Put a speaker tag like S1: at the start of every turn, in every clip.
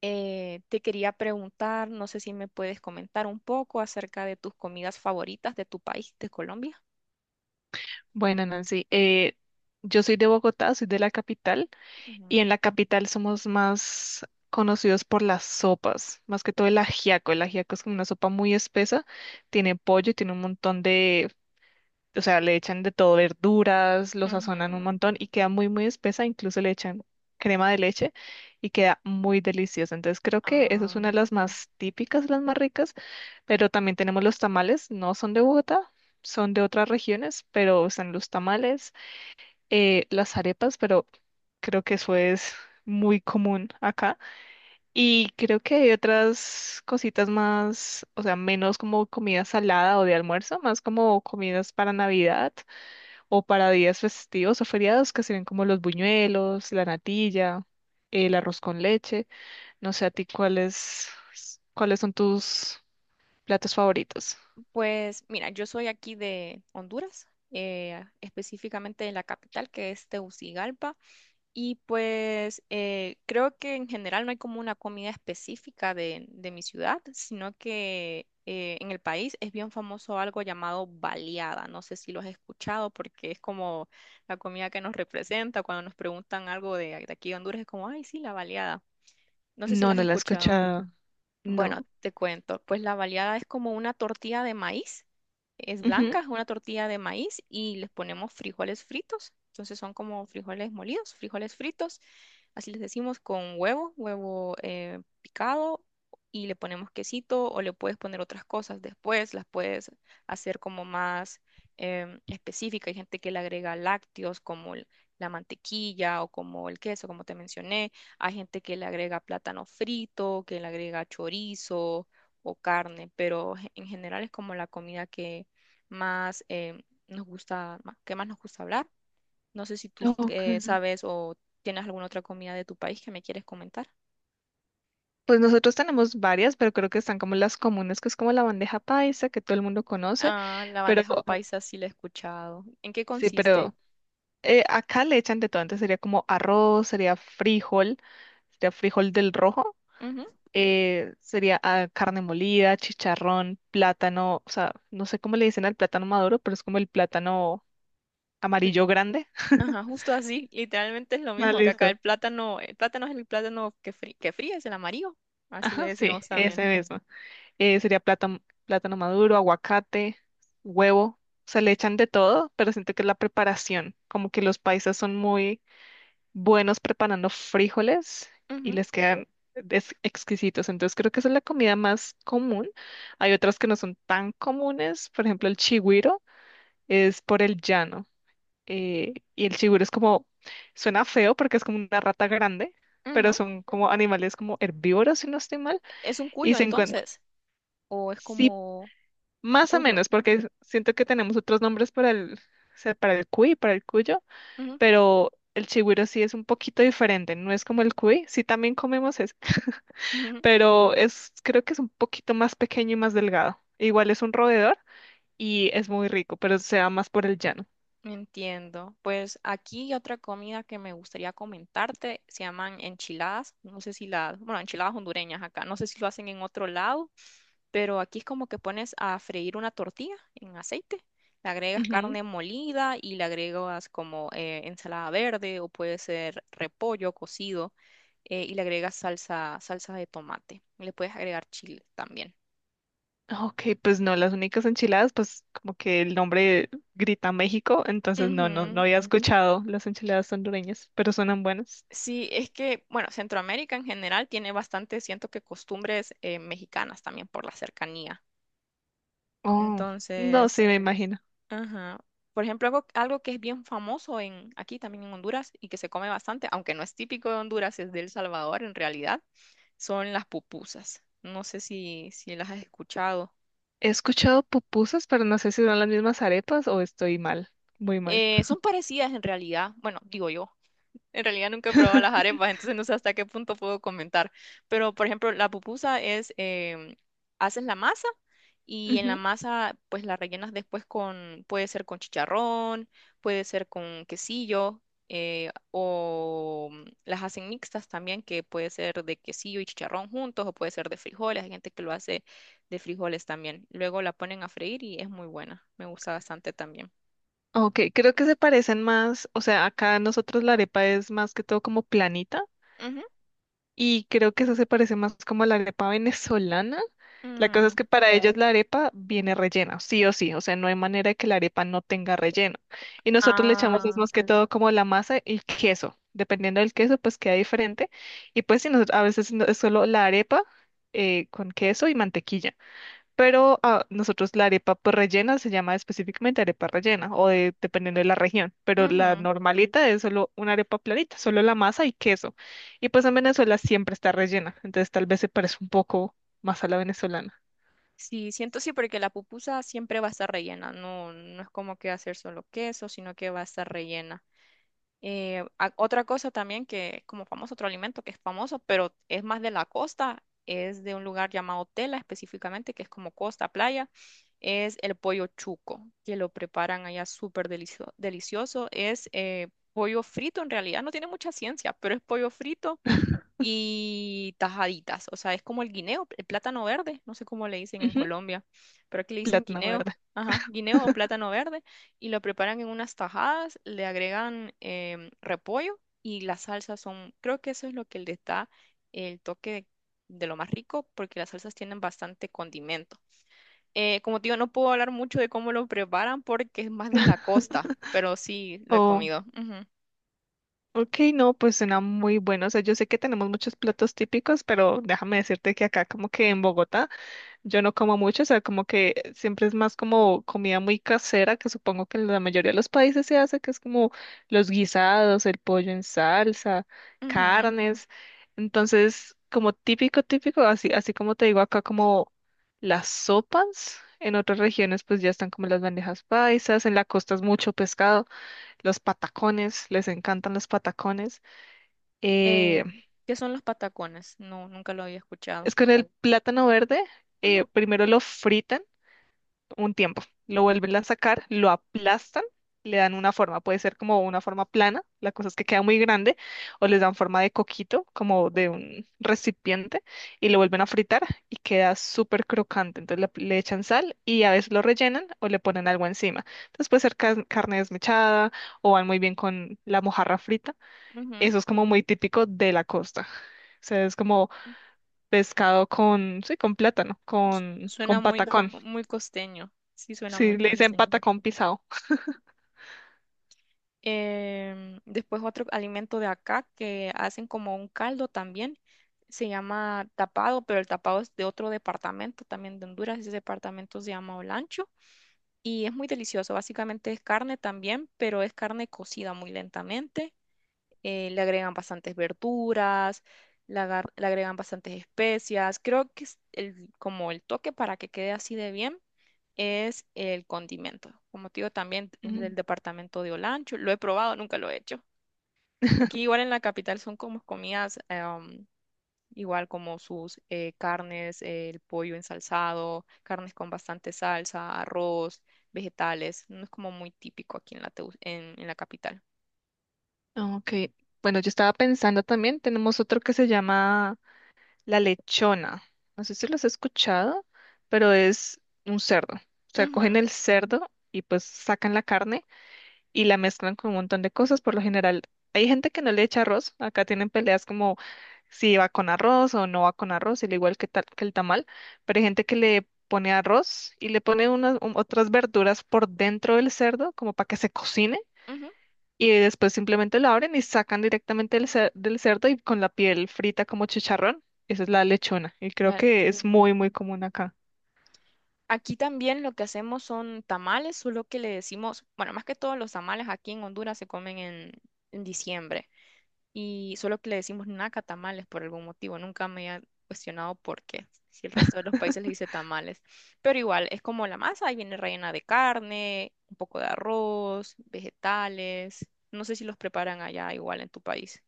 S1: Te quería preguntar, no sé si me puedes comentar un poco acerca de tus comidas favoritas de tu país, de Colombia.
S2: Bueno, Nancy, yo soy de Bogotá, soy de la capital, y
S1: Ujú.
S2: en la capital somos más conocidos por las sopas, más que todo el ajiaco. El ajiaco es como una sopa muy espesa, tiene pollo, tiene un montón de, o sea, le echan de todo, verduras, lo sazonan un
S1: Ujú.
S2: montón y queda muy, muy espesa, incluso le echan crema de leche y queda muy deliciosa. Entonces creo que eso es
S1: Ah,
S2: una de las más típicas, las más ricas, pero también tenemos los tamales, no son de Bogotá. Son de otras regiones, pero están los tamales, las arepas, pero creo que eso es muy común acá. Y creo que hay otras cositas más, o sea, menos como comida salada o de almuerzo, más como comidas para Navidad o para días festivos o feriados, que serían como los buñuelos, la natilla, el arroz con leche. No sé a ti cuáles son tus platos favoritos.
S1: pues mira, yo soy aquí de Honduras, específicamente de la capital que es Tegucigalpa. Y pues creo que en general no hay como una comida específica de mi ciudad, sino que en el país es bien famoso algo llamado baleada. No sé si lo has escuchado porque es como la comida que nos representa. Cuando nos preguntan algo de aquí de Honduras es como, ay, sí, la baleada. No sé si
S2: No,
S1: la has
S2: no la he
S1: escuchado.
S2: escuchado. No.
S1: Bueno, te cuento, pues la baleada es como una tortilla de maíz, es
S2: Ujú.
S1: blanca, es una tortilla de maíz y les ponemos frijoles fritos, entonces son como frijoles molidos, frijoles fritos, así les decimos con huevo, huevo picado y le ponemos quesito o le puedes poner otras cosas después, las puedes hacer como más específica. Hay gente que le agrega lácteos como la mantequilla o como el queso, como te mencioné. Hay gente que le agrega plátano frito, que le agrega chorizo o carne, pero en general es como la comida que más nos gusta, que más nos gusta hablar. No sé si tú
S2: Ok.
S1: sabes o tienes alguna otra comida de tu país que me quieres comentar.
S2: Pues nosotros tenemos varias, pero creo que están como las comunes, que es como la bandeja paisa, que todo el mundo conoce,
S1: Ah, la
S2: pero
S1: bandeja paisa sí la he escuchado. ¿En qué
S2: sí,
S1: consiste?
S2: pero eh, acá le echan de todo, entonces sería como arroz, sería frijol del rojo,
S1: Ujú.
S2: sería carne molida, chicharrón, plátano, o sea, no sé cómo le dicen al plátano maduro, pero es como el plátano
S1: L-
S2: amarillo grande.
S1: Ajá, justo así, literalmente es lo
S2: Ah,
S1: mismo que acá
S2: listo.
S1: el plátano es el plátano que, que fríes, el amarillo, así le
S2: Ajá, sí,
S1: decimos
S2: ese
S1: también.
S2: mismo. Sería plátano, plátano maduro, aguacate, huevo. Se le echan de todo, pero siento que es la preparación. Como que los paisas son muy buenos preparando frijoles y les quedan exquisitos. Entonces creo que esa es la comida más común. Hay otras que no son tan comunes. Por ejemplo, el chigüiro es por el llano. Y el chigüiro es como, suena feo porque es como una rata grande,
S1: Ujú, ujú.
S2: pero son como animales como herbívoros, si no estoy mal.
S1: Es un
S2: Y
S1: cuyo
S2: se encuentran,
S1: entonces. O es como un
S2: más o
S1: cuyo.
S2: menos, porque siento que tenemos otros nombres para el, o sea, para el cuy, para el cuyo,
S1: Ujú,
S2: pero el chigüiro sí es un poquito diferente, no es como el cuy, sí también comemos ese,
S1: ujú.
S2: pero es, creo que es un poquito más pequeño y más delgado. Igual es un roedor y es muy rico, pero se va más por el llano.
S1: Entiendo. Pues aquí hay otra comida que me gustaría comentarte, se llaman enchiladas. No sé si las, bueno, enchiladas hondureñas acá, no sé si lo hacen en otro lado, pero aquí es como que pones a freír una tortilla en aceite, le agregas
S2: Ujú.
S1: carne molida y le agregas como ensalada verde o puede ser repollo cocido y le agregas salsa, salsa de tomate. Y le puedes agregar chile también.
S2: Ok, pues no, las únicas enchiladas, pues como que el nombre grita México, entonces no, no
S1: Ujú.
S2: había escuchado las enchiladas hondureñas, pero suenan buenas.
S1: Sí, es que, bueno, Centroamérica en general tiene bastante, siento que costumbres mexicanas también por la cercanía.
S2: Oh, no, sí,
S1: Entonces,
S2: me imagino.
S1: ajá. Por ejemplo, algo que es bien famoso en, aquí también en Honduras y que se come bastante, aunque no es típico de Honduras, es de El Salvador en realidad, son las pupusas. No sé si las has escuchado.
S2: He escuchado pupusas, pero no sé si son las mismas arepas o estoy mal, muy mal.
S1: Son parecidas en realidad, bueno, digo yo. En realidad nunca he probado las arepas, entonces no sé hasta qué punto puedo comentar. Pero, por ejemplo, la pupusa es, haces la masa y en la
S2: Ujú.
S1: masa pues la rellenas después con, puede ser con chicharrón, puede ser con quesillo, o mm, las hacen mixtas también, que puede ser de quesillo y chicharrón juntos, o puede ser de frijoles, hay gente que lo hace de frijoles también. Luego la ponen a freír y es muy buena, me gusta bastante también.
S2: Ok, creo que se parecen más, o sea, acá nosotros la arepa es más que todo como planita.
S1: Ujú.
S2: Y creo que eso se parece más como a la arepa venezolana. La cosa es
S1: Mm.
S2: que para ellos la arepa viene rellena, sí o sí, o sea, no hay manera de que la arepa no tenga relleno. Y nosotros le echamos es
S1: Ah,
S2: más que todo como la masa y queso, dependiendo del queso, pues queda diferente. Y pues sí, nosotros, a veces es solo la arepa con queso y mantequilla. Pero nosotros la arepa pues, rellena se llama específicamente arepa rellena o dependiendo de la región, pero la
S1: ujú.
S2: normalita es solo una arepa planita, solo la masa y queso. Y pues en Venezuela siempre está rellena, entonces tal vez se parece un poco más a la venezolana.
S1: Sí, siento sí, porque la pupusa siempre va a estar rellena, no es como que va a ser solo queso, sino que va a estar rellena. Otra cosa también que como famoso, otro alimento que es famoso, pero es más de la costa, es de un lugar llamado Tela específicamente, que es como costa, playa, es el pollo chuco, que lo preparan allá súper delicioso. Es pollo frito en realidad, no tiene mucha ciencia, pero es pollo frito y tajaditas. O sea, es como el guineo, el plátano verde. No sé cómo le dicen en
S2: Ujú,
S1: Colombia, pero aquí le dicen
S2: plátano
S1: guineo.
S2: verde.
S1: Ajá, guineo o plátano verde. Y lo preparan en unas tajadas, le agregan repollo y las salsas son, creo que eso es lo que le da el toque de lo más rico, porque las salsas tienen bastante condimento. Como te digo, no puedo hablar mucho de cómo lo preparan porque es más de la costa, pero sí lo he
S2: Oh,
S1: comido. Ujú,
S2: ok, no, pues suena muy bueno. O sea, yo sé que tenemos muchos platos típicos, pero déjame decirte que acá como que en Bogotá yo no como mucho, o sea, como que siempre es más como comida muy casera, que supongo que en la mayoría de los países se hace, que es como los guisados, el pollo en salsa,
S1: ujú.
S2: carnes. Entonces, como típico, típico, así, así como te digo acá, como las sopas. En otras regiones, pues ya están como las bandejas paisas, en la costa es mucho pescado, los patacones, les encantan los patacones.
S1: Eh,
S2: Eh,
S1: ¿Qué son los patacones? No, nunca lo había escuchado.
S2: es con el plátano verde,
S1: Ujú,
S2: primero lo fritan un tiempo. Lo vuelven a sacar, lo aplastan, le dan una forma. Puede ser como una forma plana, la cosa es que queda muy grande, o les dan forma de coquito, como de un recipiente, y lo vuelven a fritar y queda súper crocante. Entonces le echan sal y a veces lo rellenan o le ponen algo encima. Entonces puede ser carne desmechada o van muy bien con la mojarra frita.
S1: ujú.
S2: Eso es como muy típico de la costa. O sea, es como pescado con, sí, con plátano,
S1: Suena
S2: con
S1: muy,
S2: patacón.
S1: muy costeño. Sí, suena
S2: Sí,
S1: muy
S2: le dicen
S1: costeño.
S2: patacón pisado.
S1: Em, después otro alimento de acá que hacen como un caldo también. Se llama tapado, pero el tapado es de otro departamento también de Honduras. Ese departamento se llama Olancho y es muy delicioso. Básicamente es carne también, pero es carne cocida muy lentamente le agregan bastantes verduras, le agregan bastantes especias. Creo que es el, como el toque para que quede así de bien es el condimento. Como te digo, también es del
S2: Mm.
S1: departamento de Olancho. Lo he probado, nunca lo he hecho. Aquí igual en la capital son como comidas, igual como sus carnes, el pollo ensalzado, carnes con bastante salsa, arroz, vegetales. No es como muy típico aquí en en la capital.
S2: Ok, bueno, yo estaba pensando también, tenemos otro que se llama la lechona. No sé si los has escuchado, pero es un cerdo. O sea, cogen
S1: Ujú,
S2: el cerdo y pues sacan la carne y la mezclan con un montón de cosas. Por lo general, hay gente que no le echa arroz. Acá tienen peleas como si va con arroz o no va con arroz, al igual que, tal, que el tamal. Pero hay gente que le pone arroz y le pone otras verduras por dentro del cerdo como para que se cocine
S1: ujú,
S2: y después simplemente la abren y sacan directamente del cerdo y con la piel frita como chicharrón. Esa es la lechona y creo
S1: la lancha.
S2: que es muy, muy común acá.
S1: Aquí también lo que hacemos son tamales, solo que le decimos, bueno, más que todos los tamales aquí en Honduras se comen en diciembre y solo que le decimos naca tamales por algún motivo, nunca me he cuestionado por qué, si el resto de los países le dice tamales, pero igual es como la masa, ahí viene rellena de carne, un poco de arroz, vegetales, no sé si los preparan allá igual en tu país.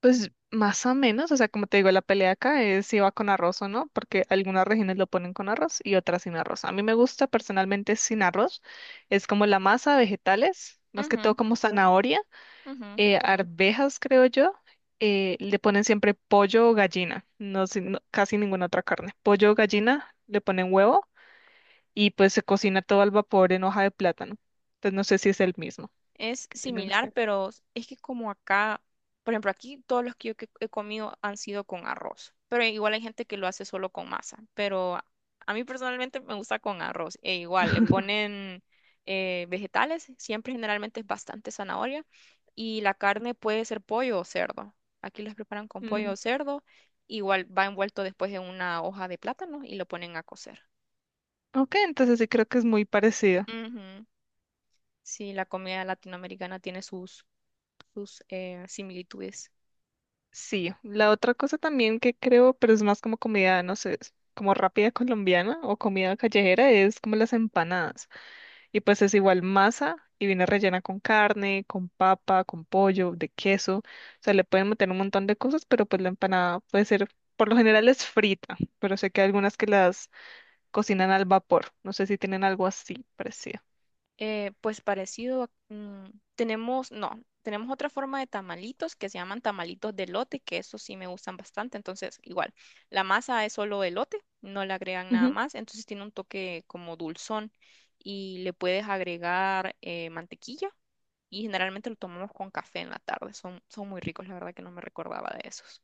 S2: Pues más o menos, o sea, como te digo, la pelea acá es si va con arroz o no, porque algunas regiones lo ponen con arroz y otras sin arroz. A mí me gusta personalmente sin arroz, es como la masa, vegetales, más que
S1: Ujú,
S2: todo como zanahoria,
S1: ujú.
S2: arvejas, creo yo. Le ponen siempre pollo o gallina, no, sé, no- casi ninguna otra carne. Pollo o gallina, le ponen huevo y pues se cocina todo al vapor en hoja de plátano. Entonces no sé si es el mismo
S1: Es
S2: que tienen
S1: similar,
S2: ustedes.
S1: pero es que como acá, por ejemplo, aquí todos los que yo que he comido han sido con arroz, pero igual hay gente que lo hace solo con masa, pero a mí personalmente me gusta con arroz, e igual le ponen vegetales, siempre generalmente es bastante zanahoria, y la carne puede ser pollo o cerdo. Aquí las preparan con
S2: Mm,
S1: pollo o cerdo, igual va envuelto después en una hoja de plátano y lo ponen a cocer.
S2: ok, entonces sí creo que es muy parecido.
S1: Ujú. Sí, la comida latinoamericana tiene sus, sus similitudes.
S2: Sí, la otra cosa también que creo, pero es más como comida, no sé, es como rápida colombiana o comida callejera, es como las empanadas. Y pues es igual masa y viene rellena con carne, con papa, con pollo, de queso. O sea, le pueden meter un montón de cosas, pero pues la empanada puede ser, por lo general es frita, pero sé que hay algunas que las cocinan al vapor. No sé si tienen algo así parecido.
S1: Pues parecido, tenemos, no, tenemos otra forma de tamalitos que se llaman tamalitos de elote, que esos sí me gustan bastante. Entonces, igual, la masa es solo elote, no le agregan nada
S2: Ujú.
S1: más, entonces tiene un toque como dulzón y le puedes agregar mantequilla y generalmente lo tomamos con café en la tarde. Son, son muy ricos, la verdad que no me recordaba de esos.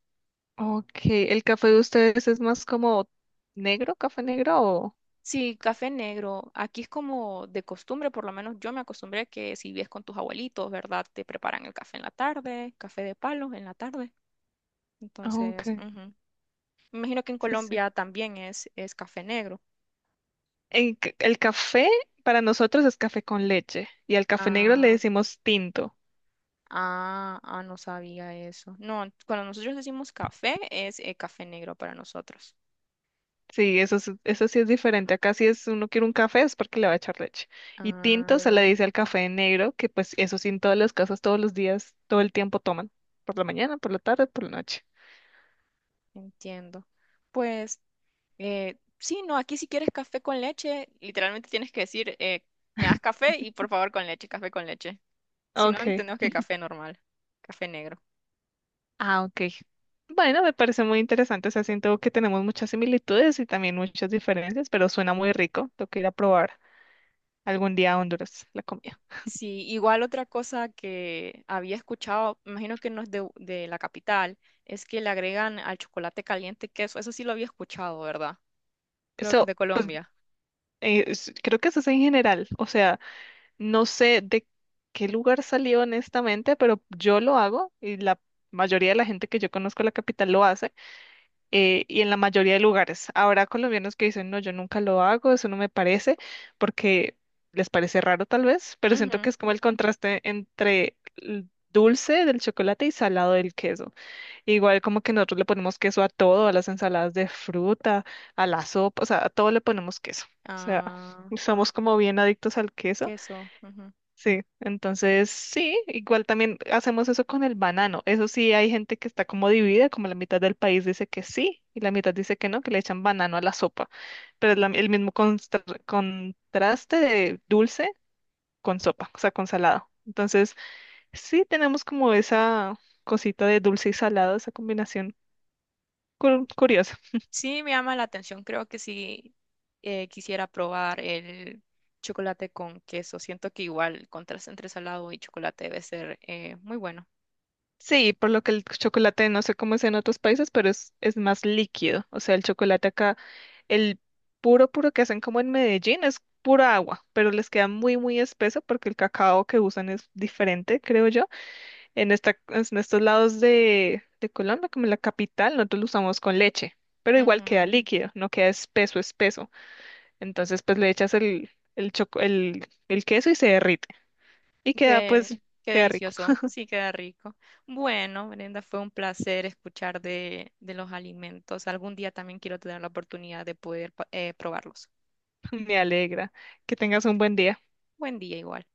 S2: Ok, ¿el café de ustedes es más como negro, café negro o...?
S1: Sí, café negro. Aquí es como de costumbre, por lo menos yo me acostumbré que si vives con tus abuelitos, ¿verdad? Te preparan el café en la tarde, café de palos en la tarde.
S2: Ah, ok,
S1: Entonces, ujú. Me imagino que en
S2: sí, sí.
S1: Colombia también es café negro.
S2: El café para nosotros es café con leche y al café negro le
S1: Ah,
S2: decimos tinto.
S1: ah, ah, no sabía eso. No, cuando nosotros decimos café, es café negro para nosotros.
S2: Sí, eso, eso sí es diferente. Acá si es uno quiere un café es porque le va a echar leche. Y tinto se le
S1: Ah,
S2: dice al café negro, que pues eso sí en todas las casas, todos los días, todo el tiempo toman. Por la mañana, por la tarde, por la noche.
S1: entiendo. Pues sí, no, aquí si quieres café con leche, literalmente tienes que decir, me das café y por favor con leche, café con leche. Si no,
S2: Ok.
S1: entendemos que café normal, café negro.
S2: Ah, ok. Bueno, me parece muy interesante. O sea, siento que tenemos muchas similitudes y también muchas diferencias, pero suena muy rico. Tengo que ir a probar algún día a Honduras la comida.
S1: Sí, igual otra cosa que había escuchado, me imagino que no es de la capital, es que le agregan al chocolate caliente queso. Eso sí lo había escuchado, ¿verdad? Creo que es
S2: Eso,
S1: de
S2: pues,
S1: Colombia.
S2: creo que eso es en general. O sea, no sé de qué lugar salió honestamente, pero yo lo hago y la mayoría de la gente que yo conozco en la capital lo hace. Y en la mayoría de lugares. Habrá colombianos que dicen, no, yo nunca lo hago, eso no me parece, porque les parece raro tal vez, pero siento que
S1: Ujú.
S2: es como el contraste entre el dulce del chocolate y salado del queso. Igual como que nosotros le ponemos queso a todo, a las ensaladas de fruta, a la sopa, o sea, a todo le ponemos queso. O sea,
S1: Ah,
S2: somos como bien adictos al queso.
S1: queso. Ujú.
S2: Sí, entonces sí, igual también hacemos eso con el banano. Eso sí, hay gente que está como dividida, como la mitad del país dice que sí y la mitad dice que no, que le echan banano a la sopa. Pero es el mismo contraste de dulce con sopa, o sea, con salado. Entonces sí tenemos como esa cosita de dulce y salado, esa combinación curiosa.
S1: Sí, me llama la atención. Creo que sí quisiera probar el chocolate con queso. Siento que igual el contraste entre salado y chocolate debe ser muy bueno.
S2: Sí, por lo que el chocolate, no sé cómo es en otros países, pero es más líquido. O sea, el chocolate acá, el puro, puro que hacen como en Medellín es pura agua, pero les queda muy, muy espeso porque el cacao que usan es diferente, creo yo. En estos lados de Colombia, como en la capital, nosotros lo usamos con leche, pero igual queda
S1: Ujú.
S2: líquido, no queda espeso, espeso. Entonces, pues le echas el queso y se derrite. Y queda,
S1: Qué,
S2: pues,
S1: qué
S2: queda rico.
S1: delicioso. Sí, queda rico. Bueno, Brenda, fue un placer escuchar de los alimentos. Algún día también quiero tener la oportunidad de poder probarlos.
S2: Me alegra. Que tengas un buen día.
S1: Buen día igual.